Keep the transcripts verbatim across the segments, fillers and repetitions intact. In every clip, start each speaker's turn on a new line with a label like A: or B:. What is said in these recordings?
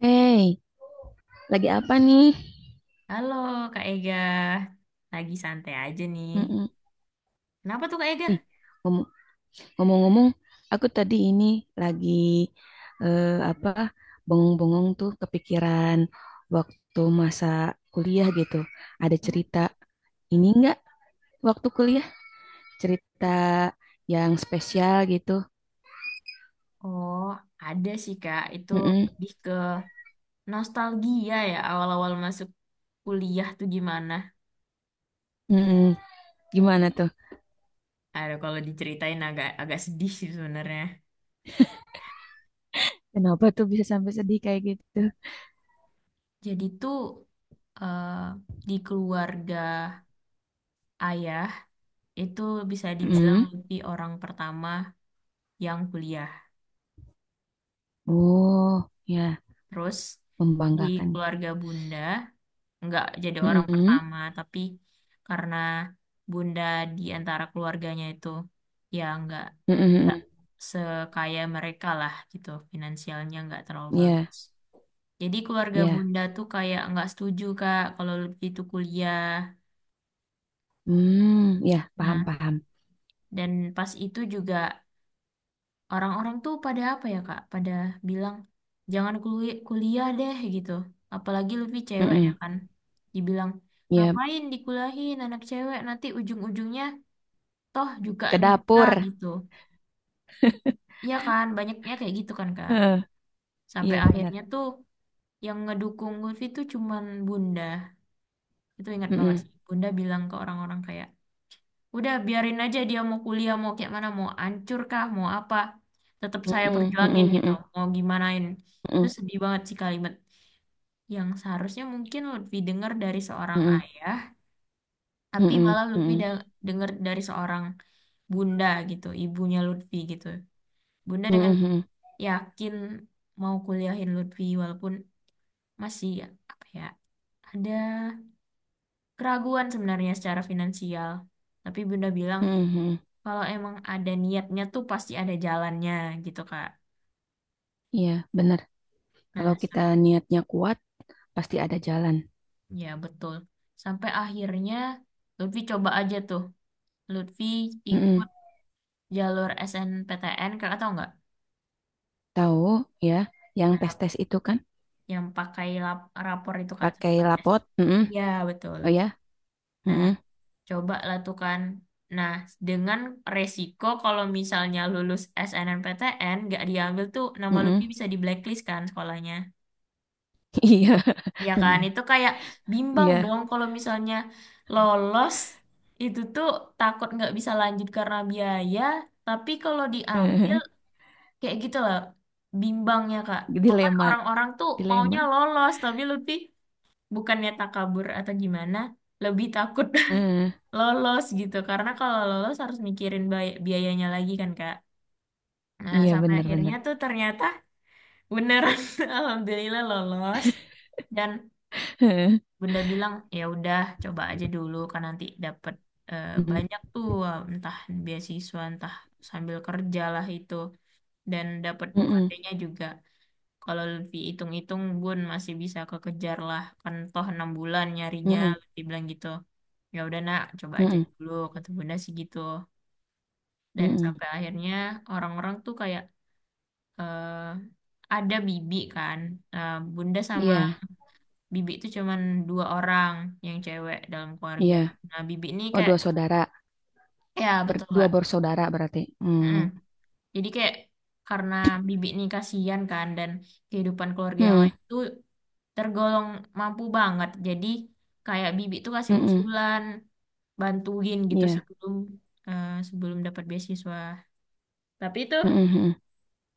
A: Hey, lagi apa nih?
B: Halo Kak Ega, lagi santai aja nih.
A: Mm-mm.
B: Kenapa tuh Kak Ega?
A: Ih, ngom- ngomong-ngomong, aku tadi ini lagi eh, apa bengong-bengong tuh kepikiran waktu masa kuliah gitu. Ada
B: Hmm?
A: cerita ini enggak waktu kuliah? Cerita yang spesial gitu.
B: Oh, ada sih Kak, itu
A: Mm-mm.
B: lebih ke nostalgia ya awal-awal masuk kuliah tuh gimana.
A: Mm-mm. Gimana tuh?
B: Aduh, kalau diceritain agak agak sedih sih sebenarnya.
A: Kenapa tuh bisa sampai sedih kayak gitu?
B: Jadi tuh eh, di keluarga ayah itu bisa dibilang
A: Mm-mm.
B: lebih orang pertama yang kuliah.
A: Oh, ya,
B: Terus di
A: membanggakan.
B: keluarga bunda nggak jadi orang
A: Mm-mm.
B: pertama, tapi karena bunda di antara keluarganya itu ya nggak nggak
A: Mm-mm.
B: sekaya mereka lah gitu, finansialnya nggak terlalu
A: Ya,
B: bagus. Jadi keluarga
A: ya.
B: bunda tuh kayak nggak setuju Kak kalau Lutfi itu kuliah.
A: Hmm, ya, paham
B: Nah,
A: paham.
B: dan pas itu juga orang-orang tuh pada apa ya Kak? Pada bilang jangan kuli- kuliah deh gitu. Apalagi Lutfi cewek ya
A: Mm-mm.
B: kan. Dibilang
A: Ya,
B: ngapain dikuliahin anak cewek nanti ujung-ujungnya toh juga
A: ke dapur.
B: nikah gitu. Iya kan, banyaknya kayak gitu kan Kak.
A: Heeh,
B: Sampai
A: iya benar.
B: akhirnya tuh yang ngedukung Lutfi tuh cuman Bunda. Itu ingat banget
A: Mm-mm.
B: sih. Bunda bilang ke orang-orang kayak, udah biarin aja dia mau kuliah, mau kayak mana, mau hancur kah, mau apa. Tetap saya
A: Mm-mm,
B: perjuangin
A: mm-mm,
B: gitu,
A: mm-mm,
B: mau gimanain. Itu sedih banget sih kalimat yang seharusnya mungkin Lutfi dengar dari seorang
A: mm-mm,
B: ayah, tapi
A: mm-mm, mm-mm,
B: malah Lutfi
A: mm-mm,
B: da- dengar dari seorang bunda gitu, ibunya Lutfi gitu. Bunda dengan
A: mm-mm, mm-mm,
B: yakin mau kuliahin Lutfi walaupun masih apa ya ada keraguan sebenarnya secara finansial. Tapi Bunda bilang
A: mm-mm.
B: kalau emang ada niatnya tuh pasti ada jalannya gitu Kak.
A: Iya benar. Kalau
B: Nah, sa-
A: kita niatnya kuat, pasti ada jalan.
B: ya betul. Sampai akhirnya Lutfi coba aja tuh. Lutfi
A: Mm-mm.
B: ikut jalur S N P T N, Kakak tahu nggak?
A: Tahu ya? Yang tes
B: Nah,
A: tes itu kan
B: yang pakai lap- rapor itu Kak.
A: pakai
B: Tempat.
A: lapot. Mm-mm.
B: Iya, betul.
A: Oh ya.
B: Nah,
A: Mm-mm,
B: coba lah tuh kan. Nah, dengan resiko kalau misalnya lulus S N M P T N gak diambil tuh nama Lutfi
A: mm-mm.
B: bisa di blacklist kan sekolahnya.
A: Iya
B: Ya kan,
A: benar.
B: itu kayak bimbang
A: Iya.
B: dong kalau misalnya lolos itu tuh takut nggak bisa lanjut karena biaya, tapi kalau diambil kayak gitu lah bimbangnya Kak. Makan
A: Dilema
B: orang-orang tuh
A: dilema.
B: maunya lolos, tapi Lutfi bukannya takabur atau gimana, lebih takut
A: Eh,
B: lolos gitu karena kalau lolos harus mikirin bay- biayanya lagi kan Kak. Nah,
A: Iya
B: sampai
A: benar
B: akhirnya
A: benar.
B: tuh ternyata beneran alhamdulillah lolos, dan Bunda bilang ya udah coba aja dulu kan nanti dapet eh,
A: Mm-mm.
B: banyak tuh eh, entah beasiswa entah sambil kerja lah itu, dan dapet
A: Mm-mm.
B: U K T-nya juga. Kalau lebih hitung-hitung Bun masih bisa kekejar lah kan toh enam bulan nyarinya
A: Mm-mm,
B: lebih bilang gitu. Ya udah nak coba aja
A: mm-mm,
B: dulu kata Bunda sih gitu. Dan
A: mm-mm.
B: sampai akhirnya orang-orang tuh kayak eh, ada bibi kan. Nah, bunda sama
A: Iya,
B: bibi itu cuman dua orang yang cewek dalam keluarga,
A: iya.
B: nah bibi ini
A: Oh,
B: kayak,
A: dua saudara.
B: ya
A: Ber-
B: betul
A: dua
B: kak.
A: bersaudara berarti. Hmm,
B: Mm. Jadi kayak karena bibi ini kasihan kan, dan kehidupan keluarga yang
A: hmm,
B: lain itu tergolong mampu banget, jadi kayak bibi tuh kasih
A: mm-mm,
B: usulan bantuin gitu
A: iya,
B: sebelum eh, sebelum dapat beasiswa, tapi itu.
A: mm-mm, mm-mm,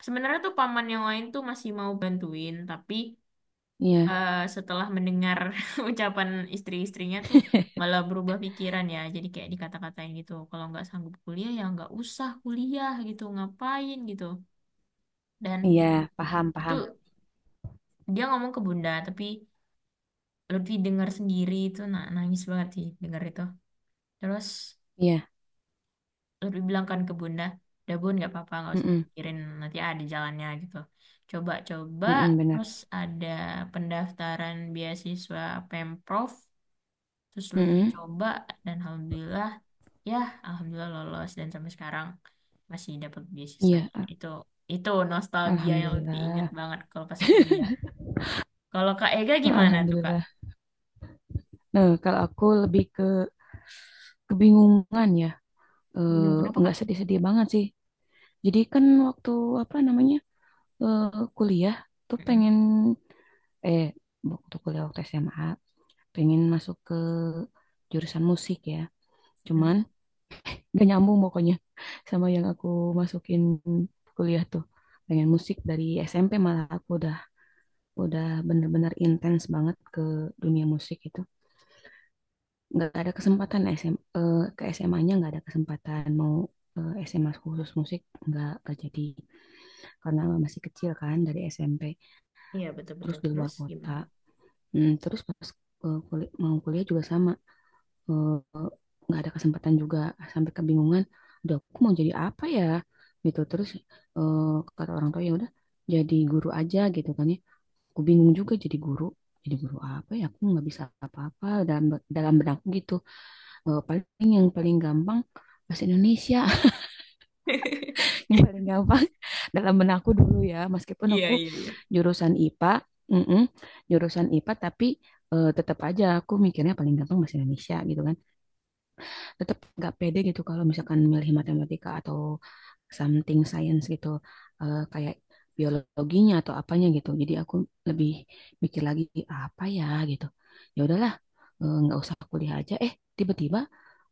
B: Sebenarnya tuh paman yang lain tuh masih mau bantuin, tapi
A: iya,
B: eh, setelah mendengar ucapan istri-istrinya tuh malah berubah pikiran ya. Jadi kayak dikata-katain gitu, kalau nggak sanggup kuliah ya nggak usah kuliah gitu, ngapain gitu. Dan
A: iya. Paham,
B: itu
A: paham.
B: dia ngomong ke Bunda, tapi Lutfi dengar sendiri itu, na- nangis banget sih dengar itu. Terus
A: Iya,
B: lebih bilang kan ke bunda udah bun nggak apa-apa nggak usah
A: mm-mm,
B: dipikirin nanti ada jalannya gitu, coba coba,
A: mm-mm, benar.
B: terus ada pendaftaran beasiswa Pemprov, terus lebih
A: Mm-mm,
B: coba dan alhamdulillah, ya alhamdulillah lolos dan sampai sekarang masih dapat
A: iya,
B: beasiswanya
A: Al-
B: itu. Itu nostalgia yang lebih ingat
A: alhamdulillah.
B: banget kalau pas kuliah. Kalau Kak Ega
A: Eh,
B: gimana tuh Kak?
A: alhamdulillah. Nah, kalau aku lebih ke kebingungan ya,
B: Bingung kenapa
A: eh,
B: Kak?
A: nggak sedih-sedih banget sih. Jadi kan waktu apa namanya, eh, kuliah tuh
B: Mm-mm.
A: pengen, eh waktu kuliah, waktu S M A pengen masuk ke jurusan musik ya.
B: Mm.
A: Cuman gak nyambung pokoknya, sama yang aku masukin kuliah tuh. Pengen musik dari S M P malah aku udah, udah bener-bener intens banget ke dunia musik itu. Nggak ada kesempatan SM, eh, ke S M A-nya nggak ada kesempatan mau, eh, S M A khusus musik nggak nggak jadi, karena masih kecil kan dari S M P
B: Iya
A: terus
B: betul-betul,
A: di luar
B: terus
A: kota.
B: gimana Kak?
A: Hmm, terus pas, eh, kul- mau kuliah juga sama, eh, nggak ada kesempatan juga, sampai kebingungan, udah aku mau jadi apa ya gitu. Terus, eh, kata orang tua ya udah jadi guru aja gitu kan ya, aku bingung juga jadi guru. Jadi guru apa ya, aku nggak bisa apa-apa dalam, dalam benakku gitu. Eh, paling yang paling gampang bahasa Indonesia, yang paling gampang dalam benakku dulu ya, meskipun
B: Iya,
A: aku
B: iya, iya.
A: jurusan IPA, mm-mm, jurusan IPA tapi, eh, tetap aja aku mikirnya paling gampang bahasa Indonesia gitu kan. Tetap nggak pede gitu kalau misalkan milih matematika atau something science gitu, eh, kayak biologinya atau apanya gitu. Jadi aku lebih mikir lagi apa ya gitu, ya udahlah, eh, nggak usah kuliah aja. Eh tiba-tiba,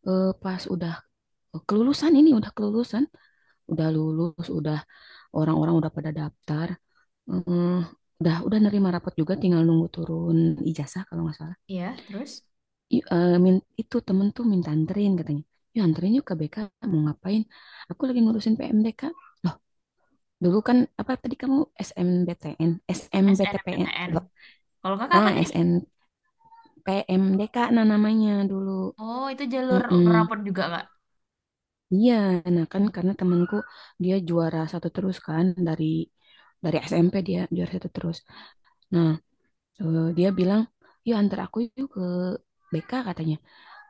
A: eh, pas udah kelulusan, ini udah kelulusan, udah lulus, udah orang-orang udah pada daftar, eh, udah, udah nerima rapot juga, tinggal nunggu turun ijazah kalau nggak salah.
B: Iya, terus?
A: I- eh, min- itu temen tuh minta anterin katanya, ya anterin yuk ke B K. Mau ngapain? Aku lagi ngurusin P M D K. Loh, dulu kan apa tadi kamu, S M B T N, S M B T P N?
B: S N M P T N.
A: Loh.
B: Kalau kakak
A: Ah,
B: apa tadi?
A: S N P M D K nah namanya dulu.
B: Oh, itu jalur
A: Mm-mm.
B: rapor juga kak.
A: Iya, nah kan karena temanku dia juara satu terus kan, dari, dari S M P dia juara satu terus. Nah, eh, dia bilang yuk antar aku yuk ke B K katanya.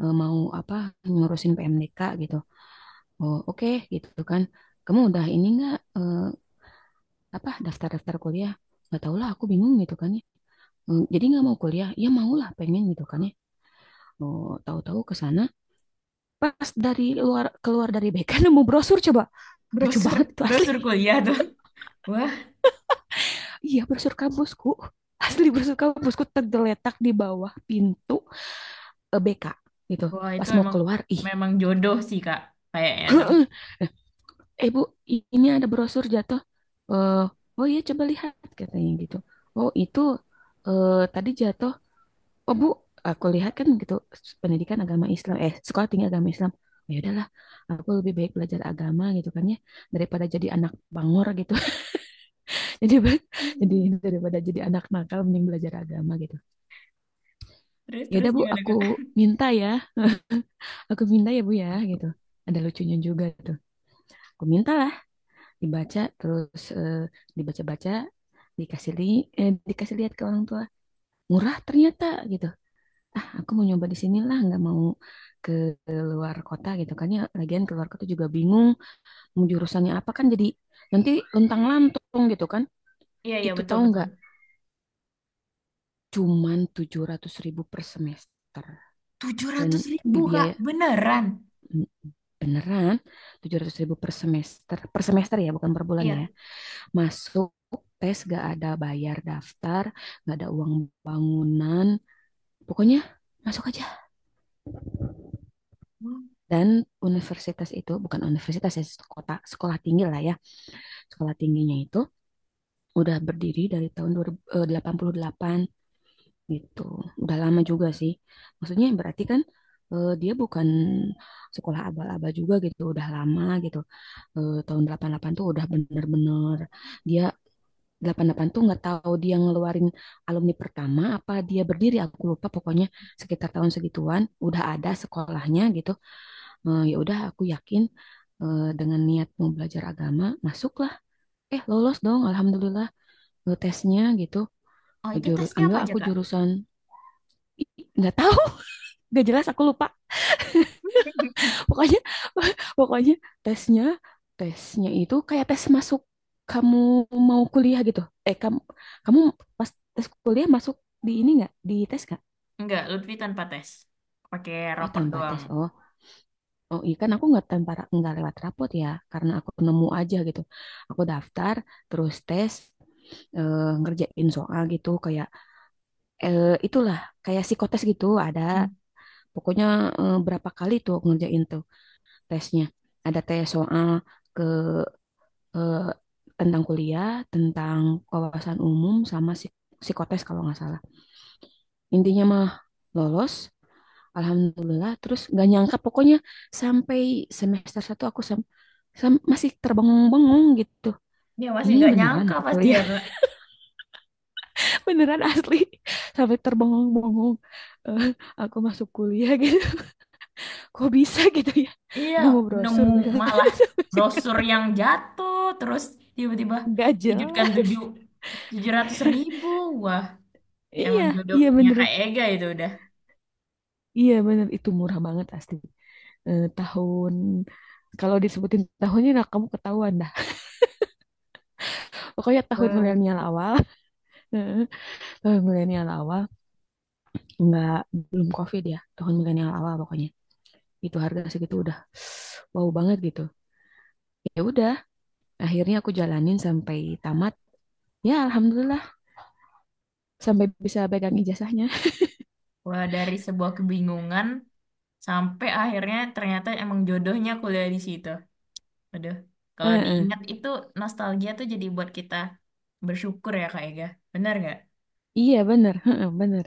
A: Eh, mau apa? Ngurusin P M D K gitu. Oh oke gitu kan, kamu udah ini nggak, eh, apa, daftar-daftar kuliah? Nggak tahu lah, aku bingung gitu kan ya. Eh, jadi nggak mau kuliah? Ya mau lah, pengen gitu kan ya. Oh tahu-tahu ke sana, pas dari luar keluar dari B K, nemu brosur coba, lucu
B: Brosur,
A: banget itu asli.
B: brosur kuliah tuh. Wah,
A: Iya, brosur kampusku, asli
B: hmm.
A: brosur kampusku tergeletak di bawah pintu, eh, B K gitu,
B: Wah itu
A: pas mau
B: emang
A: keluar ih.
B: memang jodoh sih kak, kayaknya tuh.
A: Eh bu, i- ini ada brosur jatuh. Eh, oh iya coba lihat katanya gitu. Oh itu, eh tadi jatuh. Oh bu, aku lihat kan gitu, pendidikan agama Islam, eh, sekolah tinggi agama Islam. Oh, ya udahlah, aku lebih baik belajar agama gitu kan ya, daripada jadi anak bangor gitu. jadi ba- jadi,
B: Hmm.
A: daripada jadi anak nakal mending belajar agama gitu.
B: Terus
A: Ya
B: terus
A: udah bu,
B: gimana
A: aku
B: kak?
A: minta ya, aku minta ya bu ya gitu. Ada lucunya juga tuh. Aku minta, dibaca, terus, eh, dibaca-baca, dikasih li, eh, dikasih lihat ke orang tua, murah ternyata gitu. Ah aku mau nyoba di sinilah, nggak mau ke, ke luar kota gitu kan ya. Lagian keluar kota juga bingung mau jurusannya apa kan, jadi nanti luntang lantung gitu kan.
B: Iya iya
A: Itu
B: betul
A: tahu
B: betul.
A: nggak, cuman tujuh ratus ribu per semester.
B: Tujuh
A: Dan
B: ratus ribu kak,
A: biaya,
B: beneran?
A: beneran tujuh ratus ribu per semester, per semester ya bukan per bulan
B: Iya.
A: ya. Masuk tes gak ada, bayar daftar gak ada, uang bangunan, pokoknya masuk aja.
B: Wah.
A: Dan universitas itu bukan universitas ya, sekolah, sekolah tinggi lah ya. Sekolah tingginya itu udah berdiri dari tahun delapan puluh delapan gitu, udah lama juga sih, maksudnya berarti kan, eh, dia bukan sekolah abal-abal juga gitu, udah lama gitu. Eh, tahun delapan puluh delapan tuh udah bener-bener, dia, delapan puluh delapan tuh, nggak tahu dia ngeluarin alumni pertama apa dia berdiri aku lupa. Pokoknya sekitar tahun segituan udah ada sekolahnya gitu. Eh, ya udah aku yakin, eh, dengan niat mau belajar agama, masuklah, eh lolos dong, alhamdulillah, eh, tesnya gitu.
B: Oh itu
A: Juru
B: tesnya
A: ambil
B: apa aja
A: aku
B: kak?
A: jurusan, nggak tahu, nggak jelas, aku lupa. Pokoknya pokoknya tesnya, tesnya itu kayak tes masuk, kamu mau kuliah gitu. Eh kamu, kamu pas tes kuliah masuk di ini, nggak di tes nggak?
B: Enggak, Lutfi tanpa tes. Pakai
A: Oh
B: rapor
A: tanpa
B: doang.
A: tes. Oh, oh iya kan aku nggak tanpa, nggak lewat rapot ya, karena aku nemu aja gitu. Aku daftar, terus tes, eh, ngerjain soal gitu kayak, eh, itulah kayak psikotes gitu ada.
B: Hmm.
A: Pokoknya, eh, berapa kali tuh aku ngerjain tuh tesnya. Ada tes soal ke, eh, tentang kuliah, tentang wawasan umum, sama psik- psikotes kalau nggak salah. Intinya mah lolos, alhamdulillah. Terus nggak nyangka, pokoknya sampai semester satu aku sam- sam- masih terbengung-bengung gitu.
B: Ya masih
A: Ini
B: nggak
A: beneran
B: nyangka
A: aku
B: pasti ya.
A: kuliah, beneran asli. Sampai terbengung-bengung, eh, aku masuk kuliah gitu. Kok bisa gitu ya?
B: Iya,
A: Nemu brosur
B: nemu
A: bisa.
B: malah brosur yang jatuh, terus tiba-tiba
A: Nggak
B: dikejutkan
A: jelas.
B: tujuh tujuh ratus ribu. Wah,
A: Iya,
B: emang
A: iya
B: jodohnya
A: bener.
B: Kak Ega itu udah.
A: Iya bener, itu murah banget asli. eh, tahun kalau disebutin tahunnya nah kamu ketahuan dah. Pokoknya tahun
B: Wah,
A: milenial awal, eh, tahun milenial awal, nggak, belum COVID ya, tahun milenial awal pokoknya. Itu harga segitu udah wow banget gitu. Ya udah, akhirnya aku jalanin sampai tamat. Ya alhamdulillah sampai bisa pegang ijazahnya.
B: wah, dari sebuah kebingungan sampai akhirnya ternyata emang jodohnya kuliah di situ. Aduh, kalau
A: Heeh.
B: diingat itu nostalgia tuh jadi buat kita bersyukur ya Kak Ega. Benar nggak?
A: Iya bener, heeh, bener.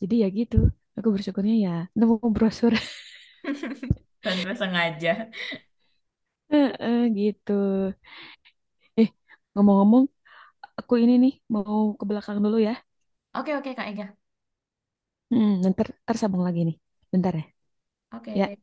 A: Jadi ya gitu, aku bersyukurnya ya nemu brosur.
B: Tanpa sengaja.
A: Heeh, gitu. Eh, Ngomong-ngomong, aku ini nih mau ke belakang dulu ya.
B: Oke oke Kak Ega.
A: Hmm, ntar, ntar sambung lagi nih. Bentar ya. Ya,
B: Oke.